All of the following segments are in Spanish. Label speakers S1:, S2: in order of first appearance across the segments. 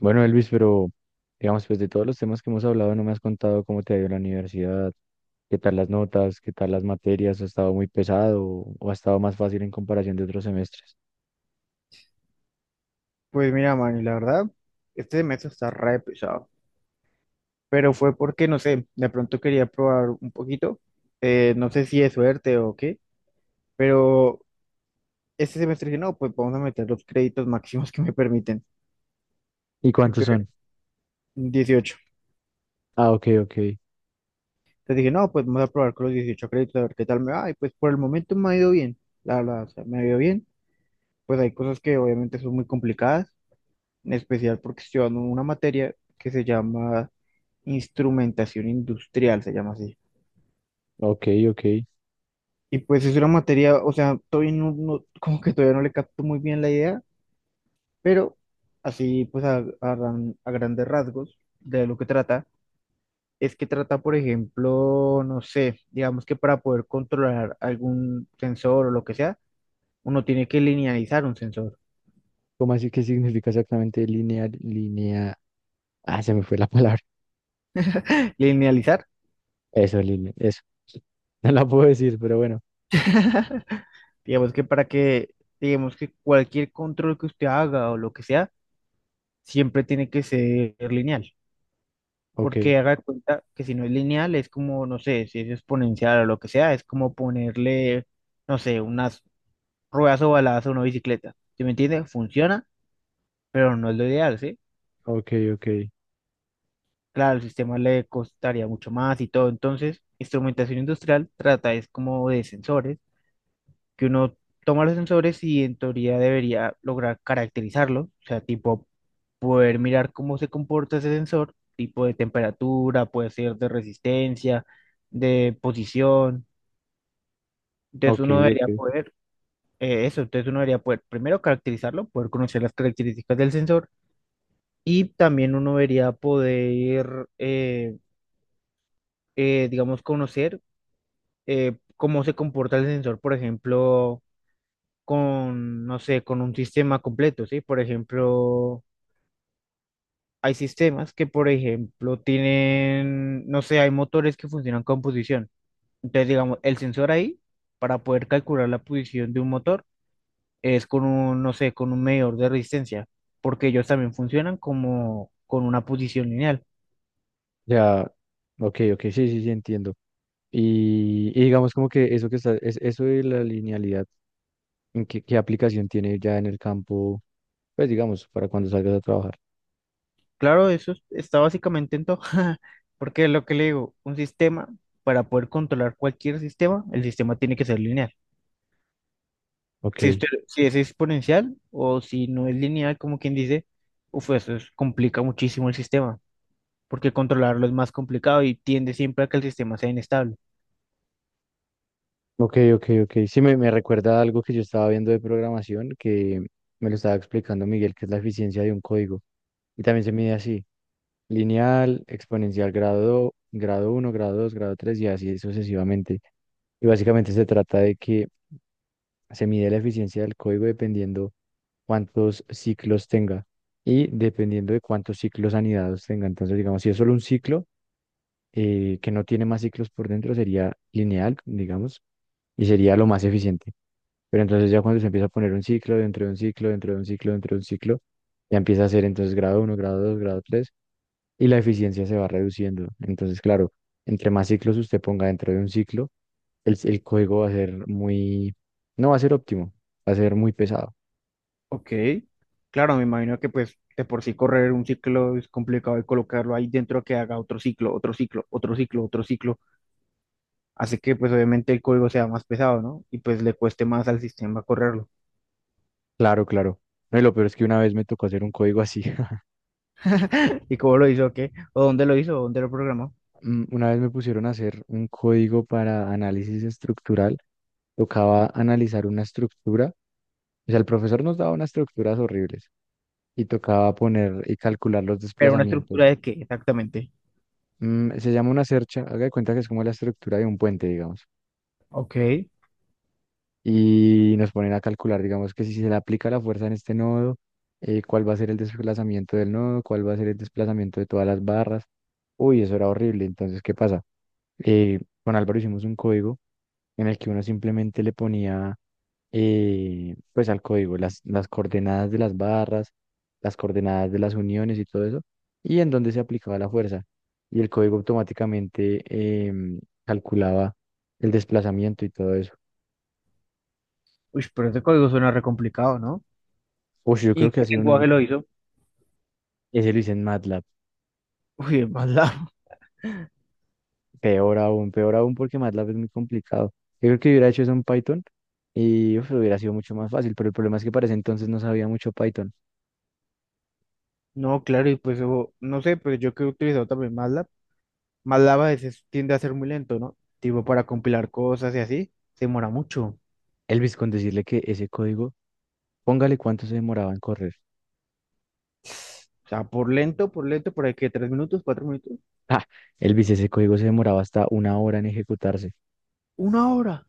S1: Bueno, Elvis, pero digamos, pues de todos los temas que hemos hablado, no me has contado cómo te ha ido en la universidad, qué tal las notas, qué tal las materias, ha estado muy pesado o ha estado más fácil en comparación de otros semestres.
S2: Pues mira, Manny, la verdad, este semestre está re pesado, pero fue porque, no sé, de pronto quería probar un poquito, no sé si es suerte o qué, pero este semestre dije, no, pues vamos a meter los créditos máximos que me permiten,
S1: ¿Y cuántos
S2: entonces,
S1: son?
S2: 18.
S1: Ah, ok, ok,
S2: Entonces dije, no, pues vamos a probar con los 18 créditos, a ver qué tal me va, y pues por el momento me ha ido bien, la verdad, o sea, me ha ido bien, pues hay cosas que obviamente son muy complicadas, en especial porque estoy dando una materia que se llama instrumentación industrial, se llama así.
S1: ok, ok.
S2: Y pues es una materia, o sea, todavía no, no- como que todavía no le capto muy bien la idea, pero así pues a grandes rasgos de lo que trata, es que trata, por ejemplo, no sé, digamos que para poder controlar algún sensor o lo que sea, uno tiene que linealizar un sensor.
S1: ¿Cómo así que significa exactamente lineal, línea? Ah, se me fue la palabra.
S2: Linealizar,
S1: Eso, línea, eso. No la puedo decir, pero bueno.
S2: digamos que para que, digamos que cualquier control que usted haga o lo que sea, siempre tiene que ser lineal.
S1: Ok,
S2: Porque haga de cuenta que si no es lineal, es como, no sé, si es exponencial o lo que sea, es como ponerle, no sé, unas ruedas ovaladas a una bicicleta. ¿Sí me entiende? Funciona, pero no es lo ideal, ¿sí?
S1: ok, ok,
S2: Claro, el sistema le costaría mucho más y todo. Entonces, instrumentación industrial trata es como de sensores, que uno toma los sensores y en teoría debería lograr caracterizarlos, o sea, tipo poder mirar cómo se comporta ese sensor, tipo de temperatura, puede ser de resistencia, de posición. Entonces
S1: ok,
S2: uno
S1: ok.
S2: debería poder, entonces uno debería poder primero caracterizarlo, poder conocer las características del sensor y también uno debería poder, digamos, conocer cómo se comporta el sensor, por ejemplo, con, no sé, con un sistema completo, ¿sí? Por ejemplo, hay sistemas que, por ejemplo, tienen, no sé, hay motores que funcionan con posición. Entonces, digamos, el sensor ahí, para poder calcular la posición de un motor, es con un, no sé, con un medidor de resistencia, porque ellos también funcionan como con una posición lineal.
S1: Ya, ok, ok, sí, sí, sí, entiendo. Y digamos como que eso que está, es, eso de la linealidad. ¿En qué, qué aplicación tiene ya en el campo, pues digamos, para cuando salgas a trabajar?
S2: Claro, eso es- está básicamente en todo, porque es lo que le digo, un sistema, para poder controlar cualquier sistema, el sistema tiene que ser lineal.
S1: Ok,
S2: Si usted, si es exponencial o si no es lineal, como quien dice, uf, eso es- complica muchísimo el sistema, porque controlarlo es más complicado y tiende siempre a que el sistema sea inestable.
S1: ok, ok, ok. Sí, me recuerda a algo que yo estaba viendo de programación que me lo estaba explicando Miguel, que es la eficiencia de un código. Y también se mide así, lineal, exponencial, grado, grado uno, grado 2, grado 3 y así sucesivamente. Y básicamente se trata de que se mide la eficiencia del código dependiendo cuántos ciclos tenga y dependiendo de cuántos ciclos anidados tenga. Entonces, digamos, si es solo un ciclo, que no tiene más ciclos por dentro sería lineal, digamos, y sería lo más eficiente. Pero entonces ya cuando se empieza a poner un ciclo dentro de un ciclo, dentro de un ciclo, dentro de un ciclo, ya empieza a ser entonces grado uno, grado 2, grado 3 y la eficiencia se va reduciendo. Entonces, claro, entre más ciclos usted ponga dentro de un ciclo, el código va a ser muy, no va a ser óptimo, va a ser muy pesado.
S2: Ok, claro, me imagino que pues de por sí correr un ciclo es complicado y colocarlo ahí dentro que haga otro ciclo, hace que pues obviamente el código sea más pesado, ¿no? Y pues le cueste más al sistema correrlo.
S1: Claro, claro. No, y lo peor es que una vez me tocó hacer un código así.
S2: ¿Y cómo lo hizo? ¿Qué? ¿O dónde lo hizo? ¿O dónde lo programó?
S1: Una vez me pusieron a hacer un código para análisis estructural. Tocaba analizar una estructura, o sea, el profesor nos daba unas estructuras horribles y tocaba poner y calcular los
S2: ¿Pero una
S1: desplazamientos.
S2: estructura de qué exactamente?
S1: Se llama una cercha, haga de cuenta que es como la estructura de un puente, digamos,
S2: Ok,
S1: y nos ponen a calcular, digamos, que si se le aplica la fuerza en este nodo, cuál va a ser el desplazamiento del nodo, cuál va a ser el desplazamiento de todas las barras. Uy, eso era horrible. Entonces, ¿qué pasa? Eh, con Álvaro hicimos un código en el que uno simplemente le ponía pues al código, las coordenadas de las barras, las coordenadas de las uniones y todo eso, y en dónde se aplicaba la fuerza. Y el código automáticamente em, calculaba el desplazamiento y todo eso.
S2: uy, pero ese código suena re complicado, ¿no?
S1: Uy, yo
S2: ¿Y
S1: creo
S2: en
S1: que ha
S2: qué
S1: sido uno de los...
S2: lenguaje lo hizo?
S1: Ese lo hice en MATLAB.
S2: Uy, en MATLAB.
S1: Peor aún porque MATLAB es muy complicado. Yo creo que hubiera hecho eso en Python y uf, hubiera sido mucho más fácil, pero el problema es que para ese entonces no sabía mucho Python.
S2: No, claro, y pues o- no sé, pero yo que he utilizado también MATLAB. Malava a veces tiende a ser muy lento, ¿no? Tipo, para compilar cosas y así, se demora mucho.
S1: Elvis, con decirle que ese código, póngale cuánto se demoraba en correr.
S2: O sea, por lento, por ahí que tres minutos, cuatro minutos,
S1: Ah, Elvis, ese código se demoraba hasta una hora en ejecutarse.
S2: una hora.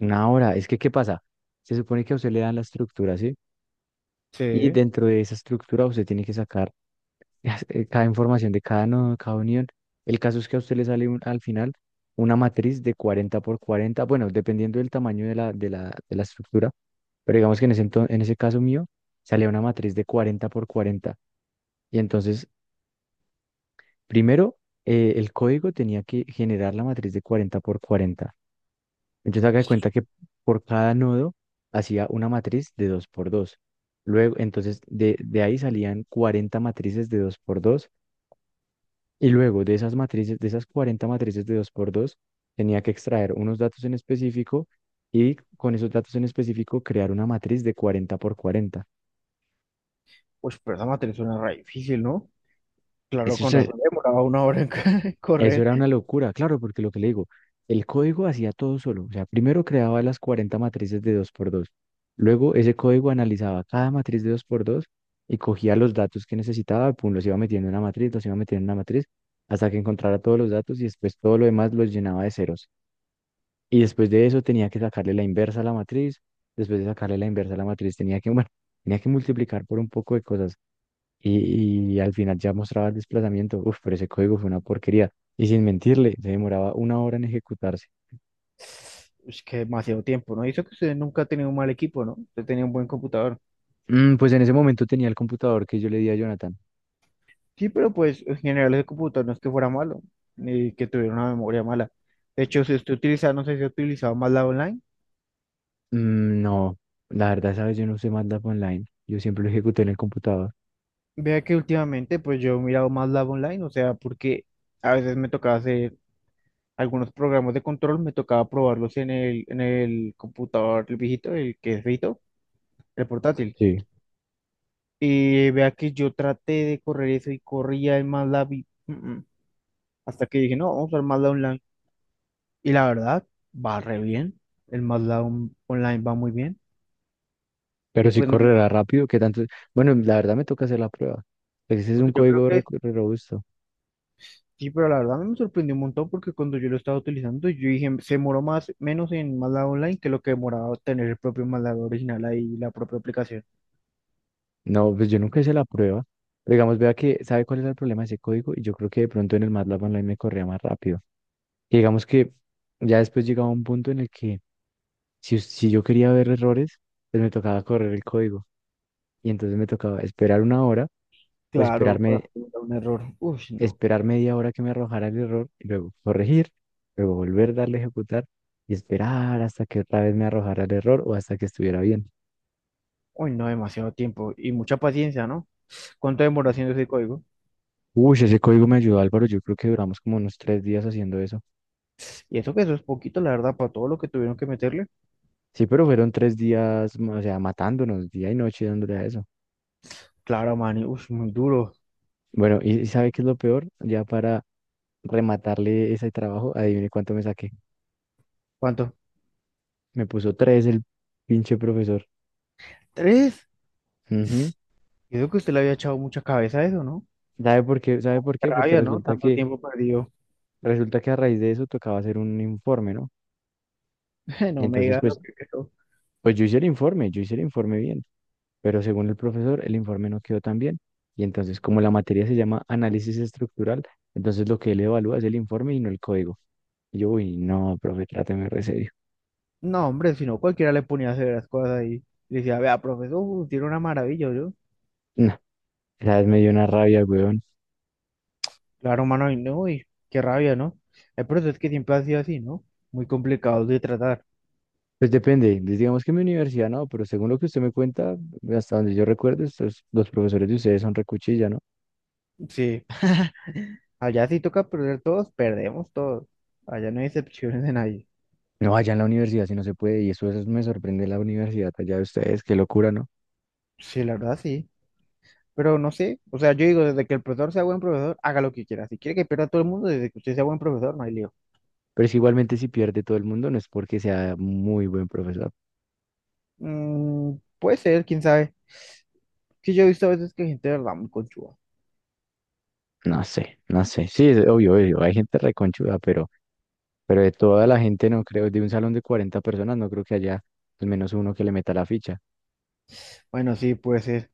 S1: Una hora. Es que, ¿qué pasa? Se supone que a usted le dan la estructura, ¿sí? Y
S2: Sí,
S1: dentro de esa estructura usted tiene que sacar cada información de cada nodo, cada unión. El caso es que a usted le sale al final una matriz de 40 por 40, bueno, dependiendo del tamaño de la, de la, de la estructura, pero digamos que en ese, en ese caso mío salía una matriz de 40 por 40. Y entonces, primero, el código tenía que generar la matriz de 40 por 40. Entonces haga de cuenta que por cada nodo hacía una matriz de 2 por dos. Luego, entonces de ahí salían 40 matrices de 2 por 2 y luego de esas matrices, de esas 40 matrices de 2 por 2 tenía que extraer unos datos en específico y con esos datos en específico crear una matriz de 40 por 40.
S2: pues pero esa materia suena re difícil, ¿no? Claro,
S1: Eso
S2: con
S1: es.
S2: razón, demoraba una hora en
S1: Eso
S2: correr.
S1: era una locura, claro, porque lo que le digo, el código hacía todo solo. O sea, primero creaba las 40 matrices de dos por dos. Luego ese código analizaba cada matriz de dos por dos y cogía los datos que necesitaba, pum, los iba metiendo en una matriz, los iba metiendo en una matriz, hasta que encontrara todos los datos y después todo lo demás los llenaba de ceros. Y después de eso tenía que sacarle la inversa a la matriz, después de sacarle la inversa a la matriz tenía que, bueno, tenía que multiplicar por un poco de cosas y al final ya mostraba el desplazamiento. Uf, pero ese código fue una porquería. Y sin mentirle, se demoraba una hora en ejecutarse.
S2: Es que demasiado tiempo, ¿no? Y eso que usted nunca ha tenido un mal equipo, ¿no? Usted tenía un buen computador.
S1: Pues en ese momento tenía el computador que yo le di a Jonathan.
S2: Sí, pero pues en general el computador no es que fuera malo, ni que tuviera una memoria mala. De hecho, si usted utiliza, no sé si ha utilizado Malava Online.
S1: No, la verdad, sabes, yo no usé MATLAB Online. Yo siempre lo ejecuté en el computador.
S2: Vea que últimamente pues yo he mirado más Lab Online, o sea, porque a veces me tocaba hacer algunos programas de control, me tocaba probarlos en el computador, el viejito, el que es viejito, el portátil.
S1: Sí.
S2: Y vea que yo traté de correr eso y corría el MATLAB y, hasta que dije, no, vamos a usar MATLAB Online. Y la verdad, va re bien, el MATLAB on- Online va muy bien. Y
S1: Pero si
S2: pues no, no,
S1: correrá rápido, ¿qué tanto? Bueno, la verdad me toca hacer la prueba. Ese es un
S2: porque yo creo
S1: código re,
S2: que
S1: re robusto.
S2: sí, pero la verdad a mí me sorprendió un montón porque cuando yo lo estaba utilizando, yo dije, se demoró más, menos en MATLAB Online que lo que demoraba tener el propio MATLAB original ahí, la propia aplicación.
S1: No, pues yo nunca hice la prueba. Pero digamos, vea que, ¿sabe cuál era el problema de ese código? Y yo creo que de pronto en el MATLAB Online me corría más rápido. Que digamos que ya después llegaba un punto en el que si, si yo quería ver errores, pues me tocaba correr el código y entonces me tocaba esperar una hora o
S2: Claro, para
S1: esperarme,
S2: afrontar un error. Uy, no.
S1: esperar media hora que me arrojara el error y luego corregir, luego volver a darle a ejecutar y esperar hasta que otra vez me arrojara el error o hasta que estuviera bien.
S2: Uy, no, demasiado tiempo y mucha paciencia, ¿no? ¿Cuánto demoró haciendo ese código?
S1: Uy, ese código me ayudó, Álvaro. Yo creo que duramos como unos 3 días haciendo eso.
S2: Y eso que eso es poquito, la verdad, para todo lo que tuvieron que meterle.
S1: Sí, pero fueron 3 días, o sea, matándonos día y noche dándole a eso.
S2: Claro, man, uy, muy duro.
S1: Bueno, y ¿sabe qué es lo peor? Ya para rematarle ese trabajo, adivine cuánto me saqué.
S2: ¿Cuánto?
S1: Me puso tres el pinche profesor.
S2: ¿Tres?
S1: Ujú.
S2: Yo creo que usted le había echado mucha cabeza a eso, ¿no?
S1: ¿Sabe por qué? ¿Sabe por
S2: Qué
S1: qué? Porque
S2: rabia, ¿no? Tanto tiempo perdido.
S1: resulta que a raíz de eso tocaba hacer un informe, ¿no? Y
S2: No me
S1: entonces,
S2: digas lo
S1: pues,
S2: que creo.
S1: pues yo hice el informe, yo hice el informe bien, pero según el profesor, el informe no quedó tan bien. Y entonces, como la materia se llama análisis estructural, entonces lo que él evalúa es el informe y no el código. Y yo, uy, no, profe, tráteme re serio.
S2: No, hombre, si no, cualquiera le ponía a hacer las cosas y le decía, vea, profesor, tiene una maravilla, yo.
S1: No, esa vez me dio una rabia, güey.
S2: Claro, mano, y no, y qué rabia, ¿no? El proceso es que siempre ha sido así, ¿no? Muy complicado de tratar.
S1: Pues depende, pues digamos que en mi universidad no, pero según lo que usted me cuenta, hasta donde yo recuerdo, estos, los profesores de ustedes son recuchilla, ¿no?
S2: Sí, allá sí toca perder todos, perdemos todos. Allá no hay excepciones de nadie.
S1: No, allá en la universidad sí no se puede, y eso me sorprende la universidad allá de ustedes, qué locura, ¿no?
S2: Sí, la verdad sí. Pero no sé, o sea, yo digo, desde que el profesor sea buen profesor, haga lo que quiera. Si quiere que pierda a todo el mundo, desde que usted sea buen profesor, no hay lío.
S1: Pero es que igualmente si pierde todo el mundo, no es porque sea muy buen profesor.
S2: Mm, puede ser, quién sabe. Sí, yo he visto a veces que hay gente de verdad muy conchuda.
S1: No sé, no sé. Sí, es obvio, obvio, hay gente reconchuda, pero de toda la gente no creo, de un salón de 40 personas, no creo que haya al menos uno que le meta la ficha.
S2: Bueno, sí, pues ser.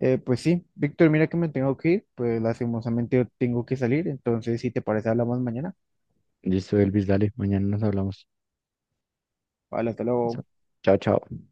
S2: Pues sí, Víctor, mira que me tengo que ir, pues lastimosamente yo tengo que salir, entonces si te parece hablamos mañana.
S1: Listo, Elvis, dale, mañana nos hablamos.
S2: Vale, hasta
S1: Listo.
S2: luego.
S1: Chao, chao.